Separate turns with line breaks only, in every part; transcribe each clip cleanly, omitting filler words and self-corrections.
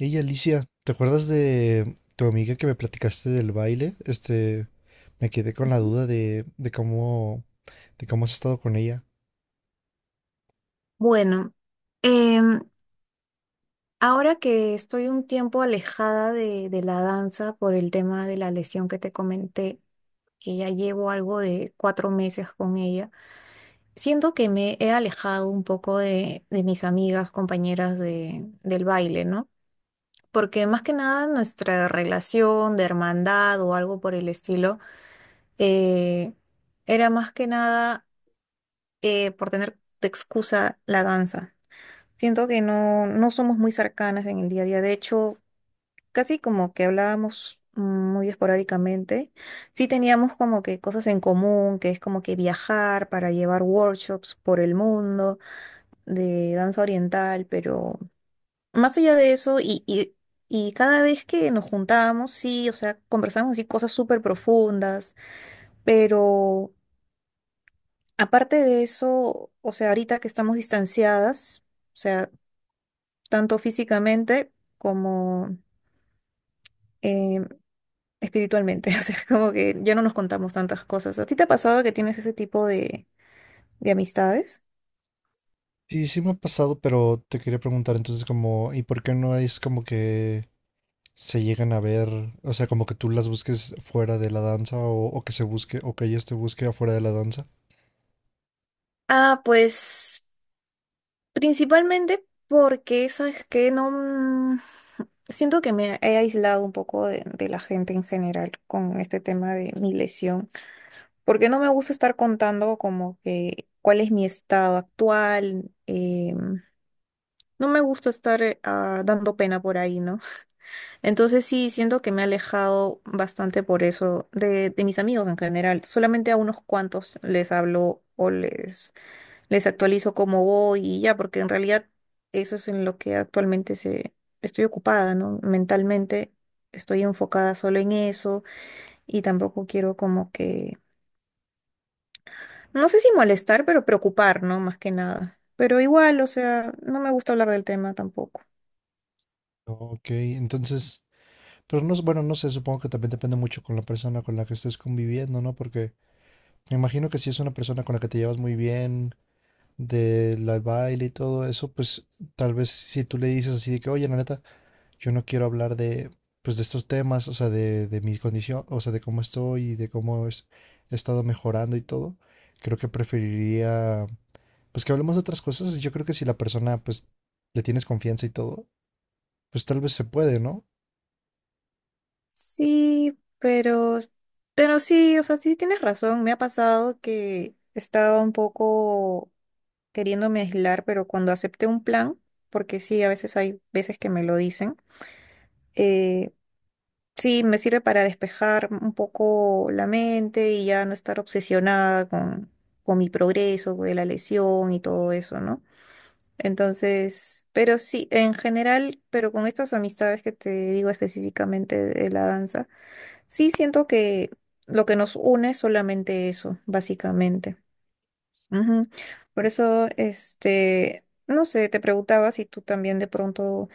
Ey, Alicia, ¿te acuerdas de tu amiga que me platicaste del baile? Este, me quedé con la duda de cómo, de cómo has estado con ella.
Bueno, em, ahora que estoy un tiempo alejada de la danza por el tema de la lesión que te comenté, que ya llevo algo de 4 meses con ella, siento que me he alejado un poco de mis amigas, compañeras del baile, ¿no? Porque más que nada nuestra relación de hermandad o algo por el estilo, eh, era más que nada por tener de excusa la danza. Siento que no, no somos muy cercanas en el día a día. De hecho, casi como que hablábamos muy esporádicamente. Sí teníamos como que cosas en común, que es como que viajar para llevar workshops por el mundo de danza oriental, pero más allá de eso, y cada vez que nos juntábamos, sí, o sea, conversábamos así cosas súper profundas, pero aparte de eso, o sea, ahorita que estamos distanciadas, o sea, tanto físicamente, como eh, espiritualmente. O sea, es como que ya no nos contamos tantas cosas. ¿A ti te ha pasado que tienes ese tipo de amistades?
Sí, sí me ha pasado, pero te quería preguntar entonces como, ¿y por qué no es como que se llegan a ver, o sea, como que tú las busques fuera de la danza o que se busque, o que ellas te busque afuera de la danza?
Ah, pues principalmente porque ¿sabes que No... mm, siento que me he aislado un poco de la gente en general con este tema de mi lesión, porque no me gusta estar contando como que cuál es mi estado actual, no me gusta estar dando pena por ahí, ¿no? Entonces sí, siento que me he alejado bastante por eso de mis amigos en general. Solamente a unos cuantos les hablo o les actualizo cómo voy y ya, porque en realidad eso es en lo que actualmente estoy ocupada, ¿no? Mentalmente estoy enfocada solo en eso y tampoco quiero como que, no sé si molestar, pero preocupar, ¿no? Más que nada. Pero igual, o sea, no me gusta hablar del tema tampoco.
Ok, entonces, pero no, bueno, no sé, supongo que también depende mucho con la persona con la que estés conviviendo, ¿no? Porque me imagino que si es una persona con la que te llevas muy bien, del al baile y todo eso, pues tal vez si tú le dices así de que, oye, la neta, yo no quiero hablar de, pues, de estos temas, o sea, de mi condición, o sea, de cómo estoy y de cómo he estado mejorando y todo, creo que preferiría, pues, que hablemos de otras cosas. Yo creo que si la persona, pues, le tienes confianza y todo, pues tal vez se puede, ¿no?
Sí, pero sí, o sea, sí tienes razón. Me ha pasado que estaba un poco queriéndome aislar, pero cuando acepté un plan, porque sí, a veces hay veces que me lo dicen, eh, sí, me sirve para despejar un poco la mente y ya no estar obsesionada con, mi progreso, de la lesión y todo eso, ¿no? Entonces, pero sí, en general, pero con estas amistades que te digo específicamente de la danza. Sí, siento que lo que nos une es solamente eso, básicamente. Ujú. Por eso, este, no sé, te preguntaba si tú también de pronto,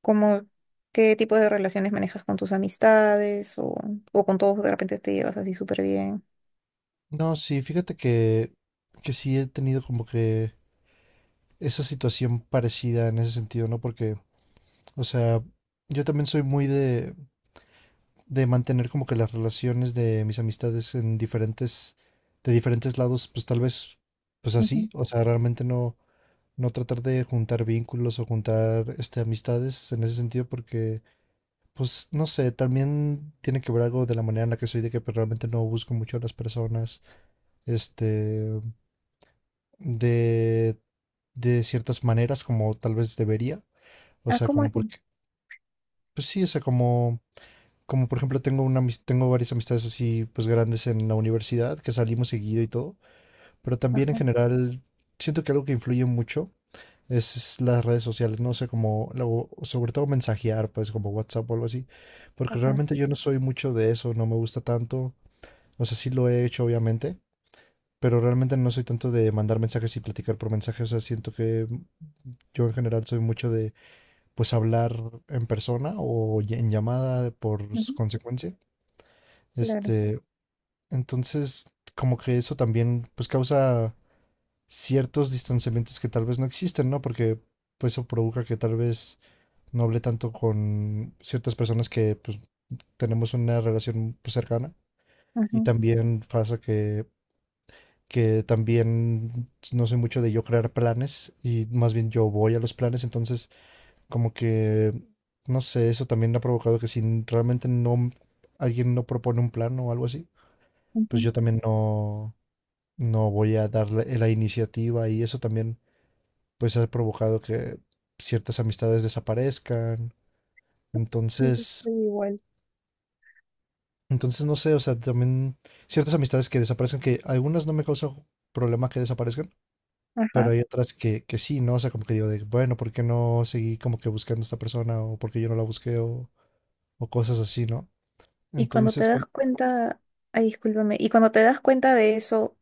como, qué tipo de relaciones manejas con tus amistades o con todos de repente te llevas así súper bien.
No, sí, fíjate que sí he tenido como que esa situación parecida en ese sentido, ¿no? Porque, o sea, yo también soy muy de mantener como que las relaciones de mis amistades en diferentes, de diferentes lados, pues tal vez, pues así,
Ujú.
o sea, realmente no, no tratar de juntar vínculos o juntar, este, amistades en ese sentido, porque, pues, no sé, también tiene que ver algo de la manera en la que soy, de que pues, realmente no busco mucho a las personas, este, de, de ciertas maneras como tal vez debería, o
Ah,
sea,
¿cómo
como
así?
porque, pues sí, o sea, como por ejemplo tengo una tengo varias amistades así pues grandes en la universidad que salimos seguido y todo, pero también en
Ajá,
general siento que algo que influye mucho es las redes sociales, no sé, como luego, sobre todo mensajear, pues como WhatsApp o algo así, porque
ajá.
realmente yo no soy mucho de eso, no me gusta tanto, o sea, sí lo he hecho obviamente, pero realmente no soy tanto de mandar mensajes y platicar por mensaje, o sea, siento que yo en general soy mucho de pues hablar en persona o en llamada por
Ujú,
consecuencia.
claro.
Este, entonces, como que eso también pues causa ciertos distanciamientos que tal vez no existen, ¿no? Porque pues eso provoca que tal vez no hable tanto con ciertas personas que pues tenemos una relación pues, cercana
Ajá,
y también pasa que también no soy mucho de yo crear planes y más bien yo voy a los planes, entonces como que no sé, eso también ha provocado que si realmente no alguien no propone un plan o algo así, pues
ujú.
yo también no voy a darle la iniciativa y eso también pues ha provocado que ciertas amistades desaparezcan.
Sí, yo
Entonces,
soy igual.
entonces no sé, o sea, también ciertas amistades que desaparezcan, que algunas no me causan problema que desaparezcan, pero
Ajá.
hay otras que sí, ¿no? O sea, como que digo de, bueno, ¿por qué no seguí como que buscando a esta persona o porque yo no la busqué o cosas así, ¿no?
Y cuando te
Entonces,
das cuenta, ay, discúlpame, ¿y cuando te das cuenta de eso,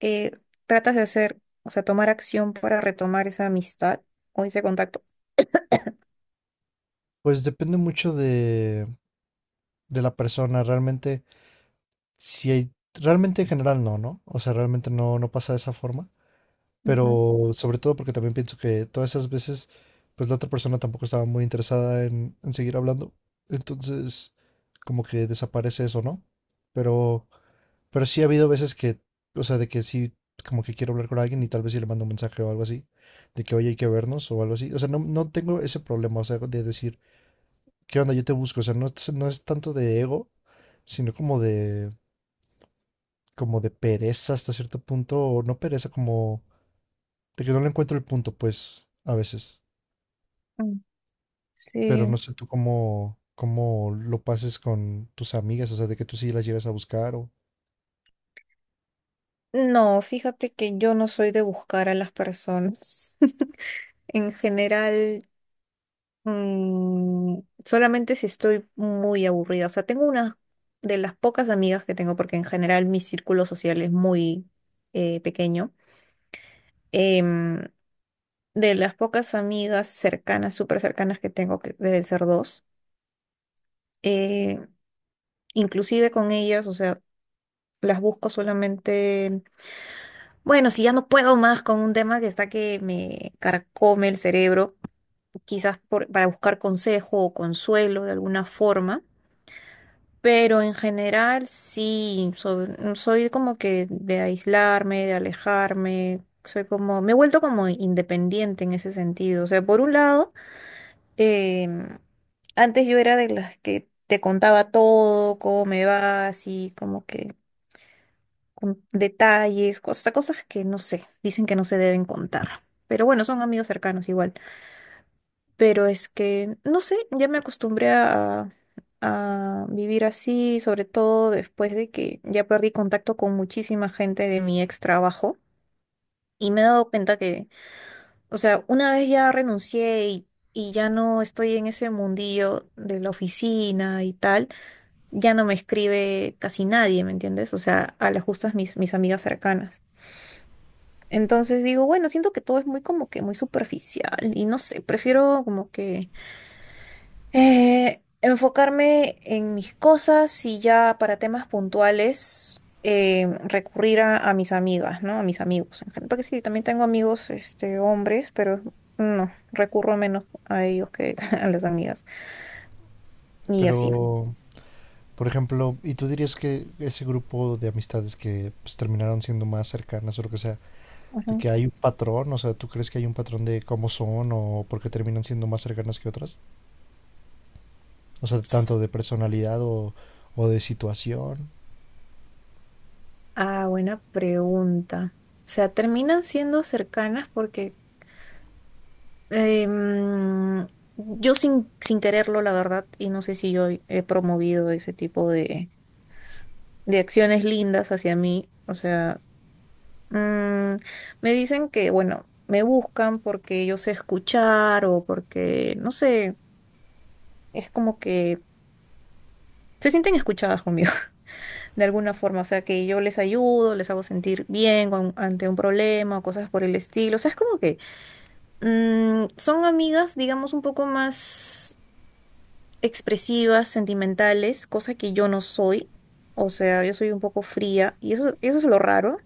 eh, tratas de hacer, o sea, tomar acción para retomar esa amistad o ese contacto?
pues depende mucho de la persona, realmente, si hay, realmente en general no, ¿no? O sea, realmente no, no pasa de esa forma
Ujú,
pero sobre todo porque también pienso que todas esas veces, pues la otra persona tampoco estaba muy interesada en seguir hablando, entonces como que desaparece eso, ¿no? Pero, pero sí ha habido veces que, o sea, de que sí, como que quiero hablar con alguien y tal vez sí le mando un mensaje o algo así, de que, oye, hay que vernos o algo así, o sea, no, no tengo ese problema, o sea, de decir, ¿qué onda? Yo te busco, o sea, no, no es tanto de ego, sino como de pereza hasta cierto punto, o no pereza, como de que yo no le encuentro el punto, pues, a veces.
mm.
Pero
Sí.
no sé tú cómo, cómo lo pases con tus amigas, o sea, de que tú sí las llegas a buscar o...
No, fíjate que yo no soy de buscar a las personas. En general, mm, solamente si estoy muy aburrida. O sea, tengo una de las pocas amigas que tengo, porque en general mi círculo social es muy pequeño. Em, de las pocas amigas cercanas, súper cercanas que tengo, que deben ser dos. eh, inclusive con ellas, o sea, las busco solamente, bueno, si ya no puedo más con un tema que está que me carcome el cerebro, quizás para buscar consejo o consuelo de alguna forma, pero en general sí, soy como que de aislarme, de alejarme. Soy como, me he vuelto como independiente en ese sentido. O sea, por un lado, em, antes yo era de las que te contaba todo, cómo me va, así como que con detalles, cosas, cosas que no sé, dicen que no se deben contar. Pero bueno, son amigos cercanos igual. Pero es que, no sé, ya me acostumbré a, vivir así, sobre todo después de que ya perdí contacto con muchísima gente de mi ex trabajo. Y me he dado cuenta que, o sea, una vez ya renuncié y ya no estoy en ese mundillo de la oficina y tal, ya no me escribe casi nadie, ¿me entiendes? O sea, a las justas mis amigas cercanas. Entonces digo, bueno, siento que todo es muy como que muy superficial y no sé, prefiero como que enfocarme en mis cosas y ya para temas puntuales recurrir a mis amigas, ¿no? A mis amigos en general. Porque sí, también tengo amigos, este, hombres, pero no, recurro menos a ellos que a las amigas y así.
Pero, por ejemplo, ¿y tú dirías que ese grupo de amistades que pues, terminaron siendo más cercanas o lo que sea, de
Ujú.
que hay un patrón? O sea, ¿tú crees que hay un patrón de cómo son o por qué terminan siendo más cercanas que otras? O sea, tanto de personalidad o de situación.
Ah, buena pregunta. O sea, terminan siendo cercanas porque Em, yo sin quererlo, la verdad, y no sé si yo he promovido ese tipo de acciones lindas hacia mí. O sea, mm, me dicen que, bueno, me buscan porque yo sé escuchar o porque, no sé, es como que se sienten escuchadas conmigo, de alguna forma. O sea, que yo les ayudo, les hago sentir bien ante un problema o cosas por el estilo. O sea, es como que son amigas, digamos, un poco más expresivas, sentimentales, cosa que yo no soy. O sea, yo soy un poco fría y eso es lo raro.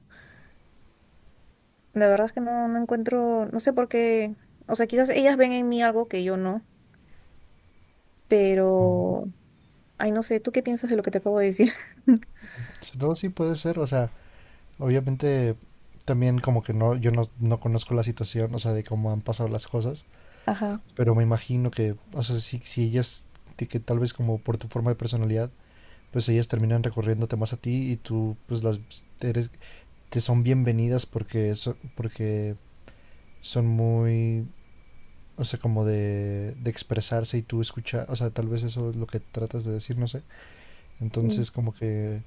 La verdad es que no, no encuentro, no sé por qué, o sea, quizás ellas ven en mí algo que yo no, pero,
o-
ay, no sé, ¿tú qué piensas de lo que te acabo de decir?
No, sí puede ser, o sea, obviamente también como que no, yo no, no conozco la situación, o sea, de cómo han pasado las cosas,
Ajá.
pero me imagino que, o sea, si ellas, de que tal vez como por tu forma de personalidad, pues ellas terminan recorriéndote más a ti y tú, pues las, eres, te son bienvenidas porque, porque son muy, o sea, como de expresarse y tú escuchas, o sea, tal vez eso es lo que tratas de decir, no sé.
Mm.
Entonces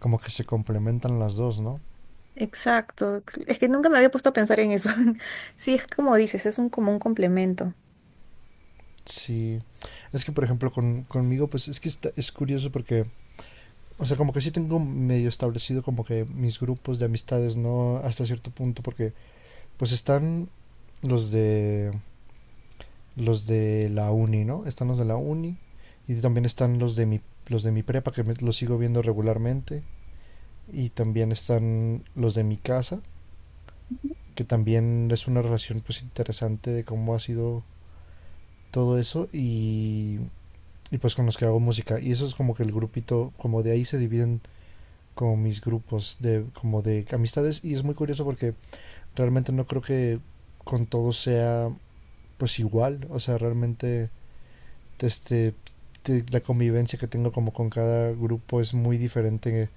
como que se complementan las dos, ¿no?
Exacto, es que nunca me había puesto a pensar en eso. Sí, es como dices, es un como un complemento.
Sí. Es que, por ejemplo, con, conmigo, pues es que es curioso porque, o sea, como que sí tengo medio establecido como que mis grupos de amistades, ¿no? Hasta cierto punto, porque pues están los de los de la uni, ¿no? Están los de la uni y también están los de mi prepa que los sigo viendo regularmente y también están los de mi casa, que también es una relación pues interesante de cómo ha sido todo eso y pues con los que hago música. Y eso es como que el grupito, como de ahí se dividen como mis grupos de, como de amistades. Y es muy curioso porque realmente no creo que con todos sea pues igual. O sea, realmente este, la convivencia que tengo como con cada grupo es muy diferente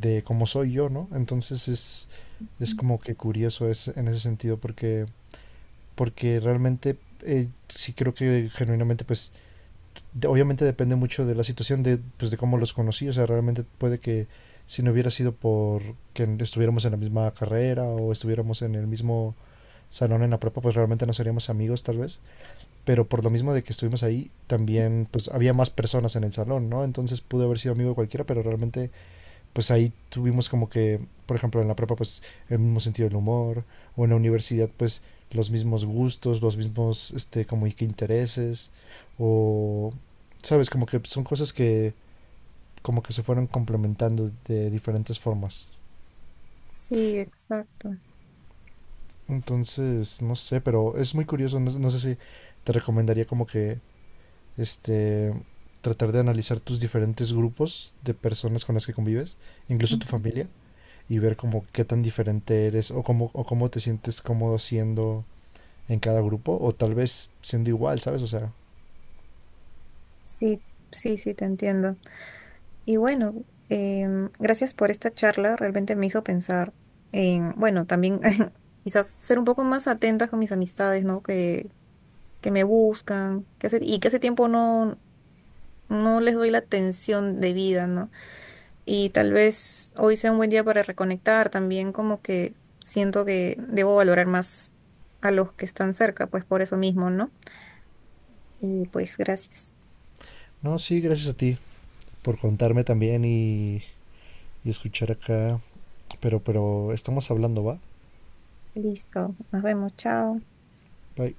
de cómo soy yo, ¿no? Entonces es como que curioso es, en ese sentido porque, porque realmente... sí creo que genuinamente pues obviamente depende mucho de la situación, de, pues, de cómo los conocí. O sea, realmente puede que si no hubiera sido por que estuviéramos en la misma carrera o estuviéramos en el mismo salón en la prepa, pues realmente no seríamos amigos tal vez. Pero por lo mismo de que estuvimos ahí, también pues había más personas en el salón, ¿no? Entonces pude haber sido amigo de cualquiera, pero realmente pues ahí tuvimos como que, por ejemplo, en la prepa, pues el mismo sentido del humor, o en la universidad, pues los mismos gustos, los mismos, este, como y que intereses, o, sabes, como que son cosas que como que se fueron complementando de diferentes formas.
Sí, exacto.
Entonces, no sé, pero es muy curioso, no, no sé si te recomendaría como que, este, tratar de analizar tus diferentes grupos de personas con las que convives, incluso tu
Ujú.
familia, y ver como qué tan diferente eres o cómo te sientes cómodo siendo en cada grupo o tal vez siendo igual, ¿sabes? O sea,
Sí, sí, sí, te entiendo. Y bueno, gracias por esta charla. Realmente me hizo pensar en, bueno, también quizás ser un poco más atenta con mis amistades, ¿no? Que me buscan, y que hace tiempo no, no les doy la atención debida, ¿no? Y tal vez hoy sea un buen día para reconectar también, como que siento que debo valorar más a los que están cerca, pues por eso mismo, ¿no? Y pues gracias.
no, sí, gracias a ti por contarme también y escuchar acá, pero estamos hablando, ¿va?
Listo. Nos vemos. Chao.
Bye.